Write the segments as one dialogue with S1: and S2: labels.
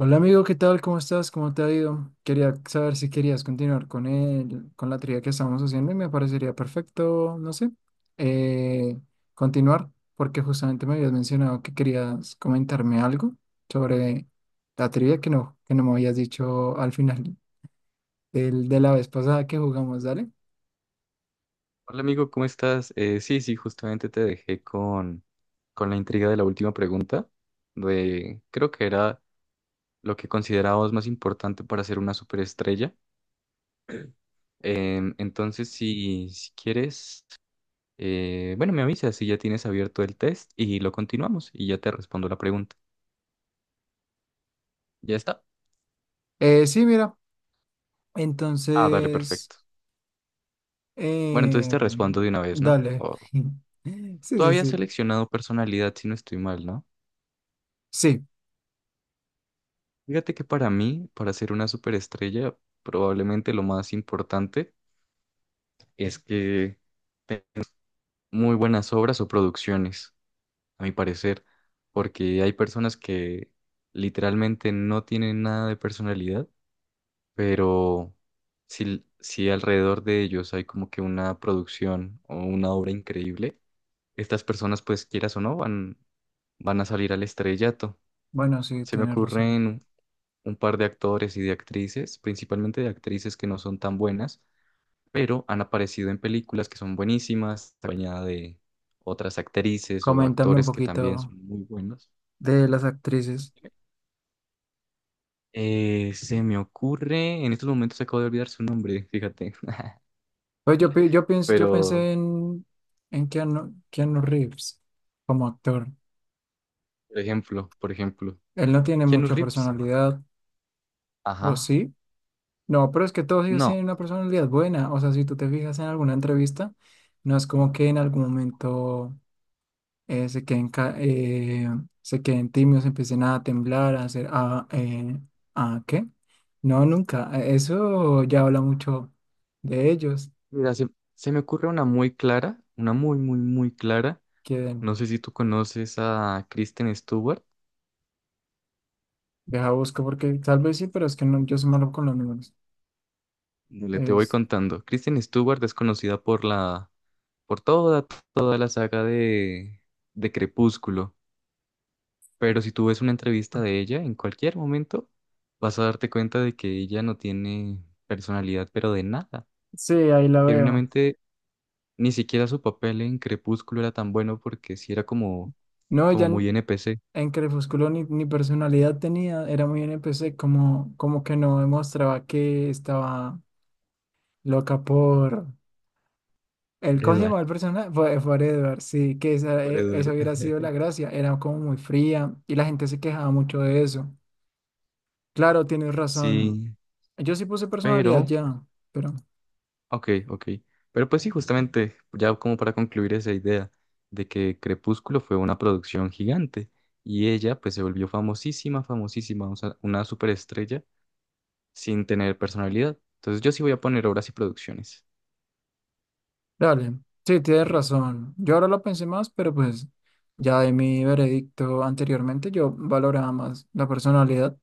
S1: Hola amigo, ¿qué tal? ¿Cómo estás? ¿Cómo te ha ido? Quería saber si querías continuar con con la trivia que estamos haciendo y me parecería perfecto, no sé, eh, continuar porque justamente me habías mencionado que querías comentarme algo sobre la trivia que no me habías dicho al final de la vez pasada que jugamos, dale.
S2: Hola amigo, ¿cómo estás? Sí, justamente te dejé con la intriga de la última pregunta, de creo que era lo que considerabas más importante para ser una superestrella. Entonces, si quieres, bueno, me avisas si ya tienes abierto el test y lo continuamos y ya te respondo la pregunta. ¿Ya está?
S1: Sí, mira,
S2: Ah, dale,
S1: entonces,
S2: perfecto. Bueno, entonces
S1: eh,
S2: te respondo de una vez, ¿no?
S1: dale. Sí,
S2: Tú
S1: sí,
S2: habías
S1: sí.
S2: seleccionado personalidad, si no estoy mal, ¿no?
S1: Sí,
S2: Fíjate que para mí, para ser una superestrella, probablemente lo más importante es que tenga muy buenas obras o producciones, a mi parecer, porque hay personas que literalmente no tienen nada de personalidad, pero si alrededor de ellos hay como que una producción o una obra increíble, estas personas, pues quieras o no, van a salir al estrellato.
S1: bueno, sí,
S2: Se me
S1: tienes razón.
S2: ocurren un par de actores y de actrices, principalmente de actrices que no son tan buenas, pero han aparecido en películas que son buenísimas, acompañada de otras actrices o
S1: Coméntame un
S2: actores que
S1: poquito
S2: también son muy buenos.
S1: de las actrices.
S2: Se me ocurre, en estos momentos acabo de olvidar su nombre, fíjate,
S1: Yo, pienso,
S2: pero,
S1: en Keanu, Keanu Reeves como actor.
S2: por ejemplo,
S1: Él no tiene
S2: Keanu
S1: mucha
S2: Reeves,
S1: personalidad, ¿o
S2: ajá,
S1: sí? No, pero es que todos ellos
S2: no,
S1: tienen una personalidad buena. O sea, si tú te fijas en alguna entrevista, no es como que en algún momento eh, se queden, ca- eh, se queden tímidos, empiecen a temblar, ¿a qué? No, nunca. Eso ya habla mucho de ellos.
S2: mira, se me ocurre una muy clara, una muy, muy, muy clara, no sé si tú conoces a Kristen Stewart.
S1: Deja busco porque tal vez sí, pero es que no, yo soy malo con los números.
S2: Dale, te voy
S1: Es,
S2: contando. Kristen Stewart es conocida por toda, toda la saga de Crepúsculo. Pero si tú ves una entrevista de ella, en cualquier momento vas a darte cuenta de que ella no tiene personalidad, pero de nada.
S1: sí, ahí la veo.
S2: Genuinamente, ni siquiera su papel en Crepúsculo era tan bueno porque sí era como,
S1: No,
S2: como
S1: ya
S2: muy NPC.
S1: en Crepúsculo ni personalidad tenía, era muy NPC, como, como que no demostraba que estaba loca por... El
S2: Por
S1: coge
S2: Edward.
S1: mal personaje fue Edward, sí,
S2: Por
S1: esa
S2: Edward.
S1: hubiera sido la gracia, era como muy fría y la gente se quejaba mucho de eso. Claro, tienes razón.
S2: Sí,
S1: Yo sí puse personalidad
S2: pero...
S1: ya, pero...
S2: Ok, ok. Pero pues sí, justamente, ya como para concluir esa idea de que Crepúsculo fue una producción gigante y ella pues se volvió famosísima, famosísima, o sea, una superestrella sin tener personalidad. Entonces yo sí voy a poner obras y producciones.
S1: Dale, sí, tienes
S2: ¿Oí?
S1: razón. Yo ahora lo pensé más, pero pues ya de mi veredicto anteriormente yo valoraba más la personalidad.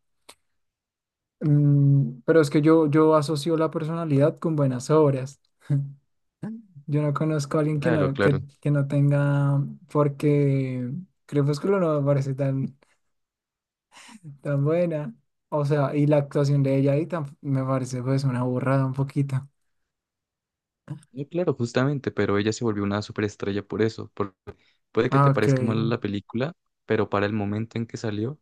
S1: Mm, pero es que yo asocio la personalidad con buenas obras. Yo no conozco a alguien
S2: Claro, claro.
S1: que no tenga, porque Crepúsculo no me parece tan, tan buena. O sea, y la actuación de ella ahí tam- me parece pues una burrada un poquito.
S2: No, claro, justamente, pero ella se volvió una superestrella por eso. Por- puede que
S1: Ah,
S2: te
S1: ok,
S2: parezca mala la película, pero para el momento en que salió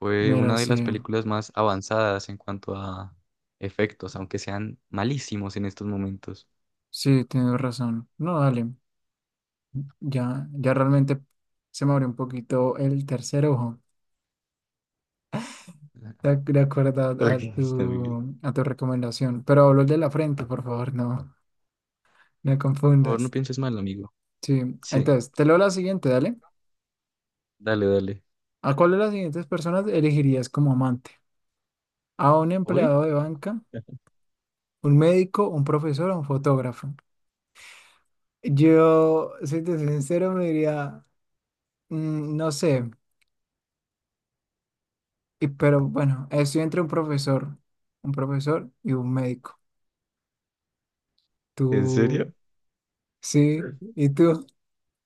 S2: fue
S1: mira,
S2: una de las
S1: sí,
S2: películas más avanzadas en cuanto a efectos, aunque sean malísimos en estos momentos.
S1: sí, tienes razón. No, dale. Ya, ya realmente se me abrió un poquito el tercer ojo, de acuerdo
S2: Ok, está muy bien.
S1: a tu recomendación. Pero hablo de la frente, por favor, no, no
S2: Por favor, no
S1: confundas.
S2: pienses mal, amigo.
S1: Sí,
S2: Sí,
S1: entonces, te leo la siguiente, dale.
S2: dale, dale.
S1: ¿A cuál de las siguientes personas elegirías como amante? ¿A un
S2: ¿Hoy?
S1: empleado de banca, un médico, un profesor o un fotógrafo? Yo, si te soy sincero, me diría, mm, no sé, y- pero bueno, estoy entre un profesor y un médico.
S2: ¿En
S1: ¿Tú?
S2: serio?
S1: Sí, ¿y tú?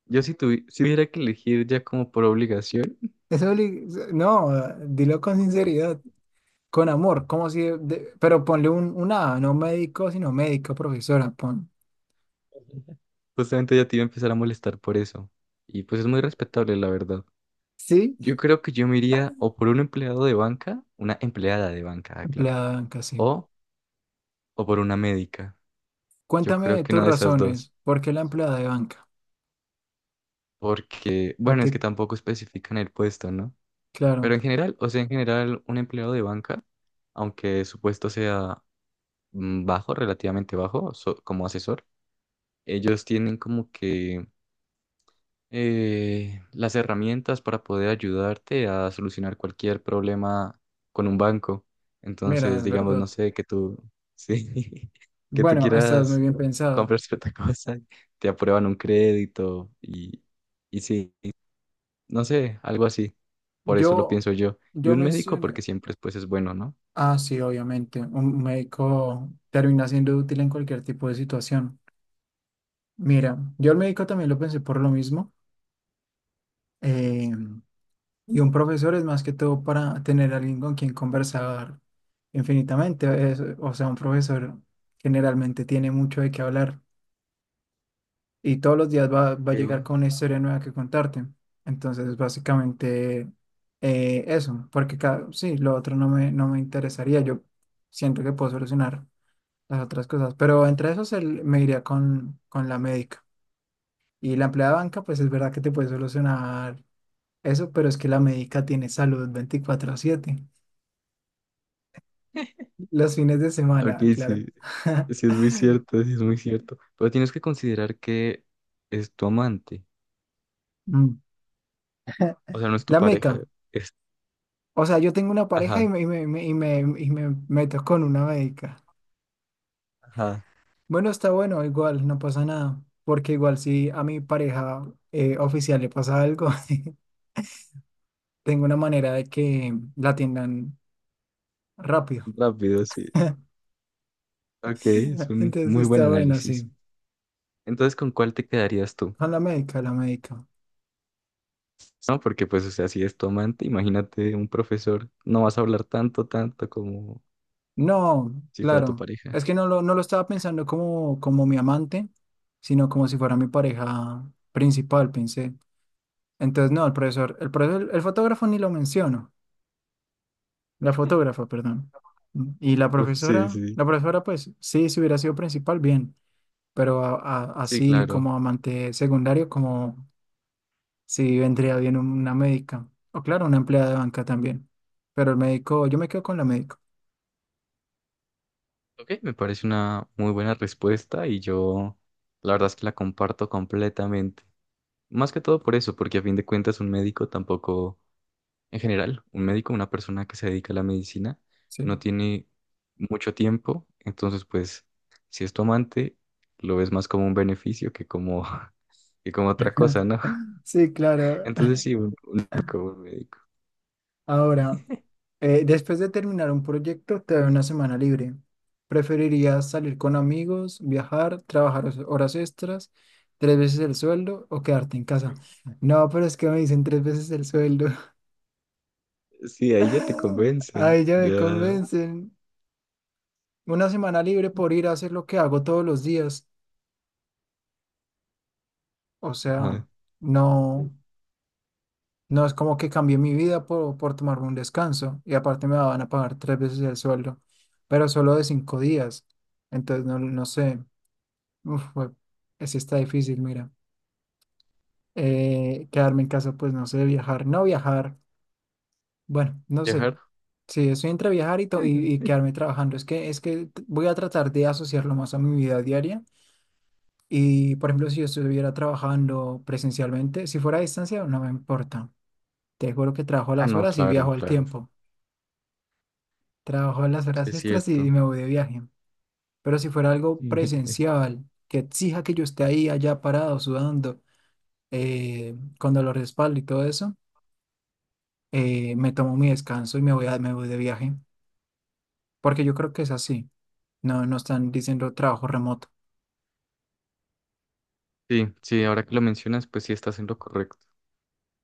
S2: Yo si si tuviera que elegir ya como por obligación,
S1: Eso obli- No, dilo con sinceridad, con amor, como si... de- Pero ponle un A, no médico, sino médico, profesora, pon.
S2: justamente ya te iba a empezar a molestar por eso. Y pues es muy respetable, la verdad.
S1: Sí,
S2: Yo creo que yo me iría o por un empleado de banca, una empleada de banca, ah, claro,
S1: empleada de banca, sí.
S2: o, o por una médica. Yo creo
S1: Cuéntame
S2: que
S1: tus
S2: una de esas dos.
S1: razones, ¿por qué la empleada de banca?
S2: Porque,
S1: ¿Para
S2: bueno, es
S1: qué?
S2: que tampoco especifican el puesto, ¿no? Pero
S1: Claro,
S2: en general, o sea, en general, un empleado de banca, aunque su puesto sea bajo, relativamente bajo, como asesor, ellos tienen como que las herramientas para poder ayudarte a solucionar cualquier problema con un banco.
S1: mira,
S2: Entonces,
S1: es
S2: digamos,
S1: verdad.
S2: no sé, que tú, sí, que tú
S1: Bueno, estás muy
S2: quieras
S1: bien pensado.
S2: comprar cierta cosa, te aprueban un crédito y sí. No sé, algo así. Por eso lo
S1: Yo,
S2: pienso yo. Y
S1: yo
S2: un médico
S1: mencioné...
S2: porque siempre pues es bueno, ¿no?
S1: Ah, sí, obviamente, un médico termina siendo útil en cualquier tipo de situación. Mira, yo el médico también lo pensé por lo mismo. eh, Y un profesor es más que todo para tener alguien con quien conversar infinitamente. O sea, un profesor generalmente tiene mucho de qué hablar y todos los días va a llegar
S2: Ok.
S1: con una historia nueva que contarte. Entonces, básicamente eso, porque cada, sí, lo otro no me, no me interesaría. Yo siento que puedo solucionar las otras cosas, pero entre esos el- me iría con la médica. Y la empleada de banca, pues es verdad que te puede solucionar eso, pero es que la médica tiene salud 24/7. Los fines de
S2: Ok,
S1: semana, claro.
S2: sí, sí es muy cierto, sí es muy cierto. Pero tienes que considerar que es tu amante,
S1: Mm.
S2: o sea, no es tu
S1: La
S2: pareja,
S1: meca.
S2: es,
S1: O sea, yo tengo una pareja
S2: ajá,
S1: y me meto con una meca.
S2: ajá,
S1: Bueno, está bueno, igual, no pasa nada. Porque igual si a mi pareja oficial le pasa algo, tengo una manera de que la atiendan rápido.
S2: rápido, sí. Ok, es un
S1: Entonces
S2: muy buen
S1: está bueno,
S2: análisis.
S1: sí.
S2: Entonces, ¿con cuál te quedarías tú?
S1: Con la médica, la médica.
S2: No, porque pues, o sea, si es tu amante, imagínate un profesor, no vas a hablar tanto, tanto como
S1: No,
S2: si fuera tu
S1: claro.
S2: pareja.
S1: Es que no lo estaba pensando como, como mi amante, sino como si fuera mi pareja principal, pensé. Entonces, no, el profesor, el profesor, el fotógrafo ni lo menciono. La fotógrafa, perdón. Y
S2: Uf, sí, sí,
S1: la profesora, pues, sí, si hubiera sido principal, bien. Pero a-
S2: sí,
S1: así
S2: claro.
S1: como amante secundario, como si vendría bien una médica. O claro, una empleada de banca también. Pero el médico, yo me quedo con la médico.
S2: Ok, me parece una muy buena respuesta y yo la verdad es que la comparto completamente. Más que todo por eso, porque a fin de cuentas un médico tampoco, en general, un médico, una persona que se dedica a la medicina, no
S1: Sí.
S2: tiene mucho tiempo, entonces pues si es tu amante, lo ves más como un beneficio que como, que como otra cosa, ¿no?
S1: Sí, claro.
S2: Entonces sí, un médico, un médico.
S1: Ahora. Después de terminar un proyecto, te doy una semana libre. ¿Preferirías salir con amigos, viajar, trabajar os- horas extras, tres veces el sueldo o quedarte en casa? No, pero es que me dicen tres veces el sueldo.
S2: Sí, ahí ya te convencen,
S1: Ay, ya me
S2: ya...
S1: convencen. Una semana libre por ir a hacer lo que hago todos los días. O
S2: ajá.
S1: sea, no, no es como que cambié mi vida por tomarme un descanso. Y aparte me van a pagar tres veces el sueldo, pero solo de 5 días. Entonces, no, no sé. Uf, fue- ese está difícil, mira. Quedarme en casa, pues no sé, viajar, no viajar, bueno, no sé.
S2: Viajar.
S1: Sí, estoy entre viajar y, to- y, y quedarme trabajando. Es que t- voy a tratar de asociarlo más a mi vida diaria. Y, por ejemplo, si yo estuviera trabajando presencialmente, si fuera a distancia, no me importa. Te juro que trabajo
S2: Ah,
S1: las
S2: no,
S1: horas y
S2: claro,
S1: viajo al
S2: claro,
S1: tiempo. Trabajo las
S2: sí
S1: horas
S2: es
S1: extras y
S2: cierto.
S1: me voy de viaje. Pero si fuera algo presencial, que exija que yo esté ahí, allá parado, sudando, con dolor de espalda y todo eso. Me tomo mi descanso y me voy de viaje, porque yo creo que es así. No, no están diciendo trabajo remoto.
S2: Sí, sí, sí, ahora que lo mencionas, pues sí estás en lo correcto.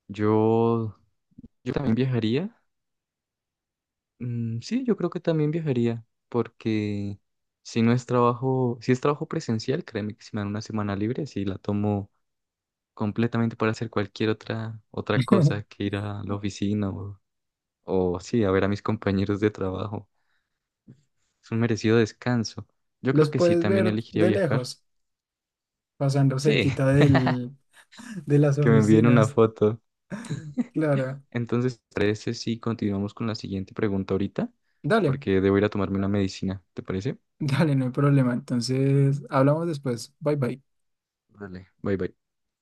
S2: Yo, yo también viajaría. Mm, sí, yo creo que también viajaría, porque si no es trabajo, si es trabajo presencial, créeme que si me dan una semana libre, sí la tomo completamente para hacer cualquier otra, otra cosa que ir a la oficina o sí, a ver a mis compañeros de trabajo. Es un merecido descanso. Yo
S1: Los
S2: creo que sí,
S1: puedes
S2: también
S1: ver
S2: elegiría
S1: de
S2: viajar.
S1: lejos, pasando
S2: Sí,
S1: cerquita del, de las
S2: que me envíen una
S1: oficinas.
S2: foto.
S1: Claro.
S2: Entonces, ¿te parece si continuamos con la siguiente pregunta ahorita?
S1: Dale,
S2: Porque debo ir a tomarme una medicina, ¿te parece?
S1: dale, no hay problema. Entonces, hablamos después. Bye bye.
S2: Vale. Bye bye.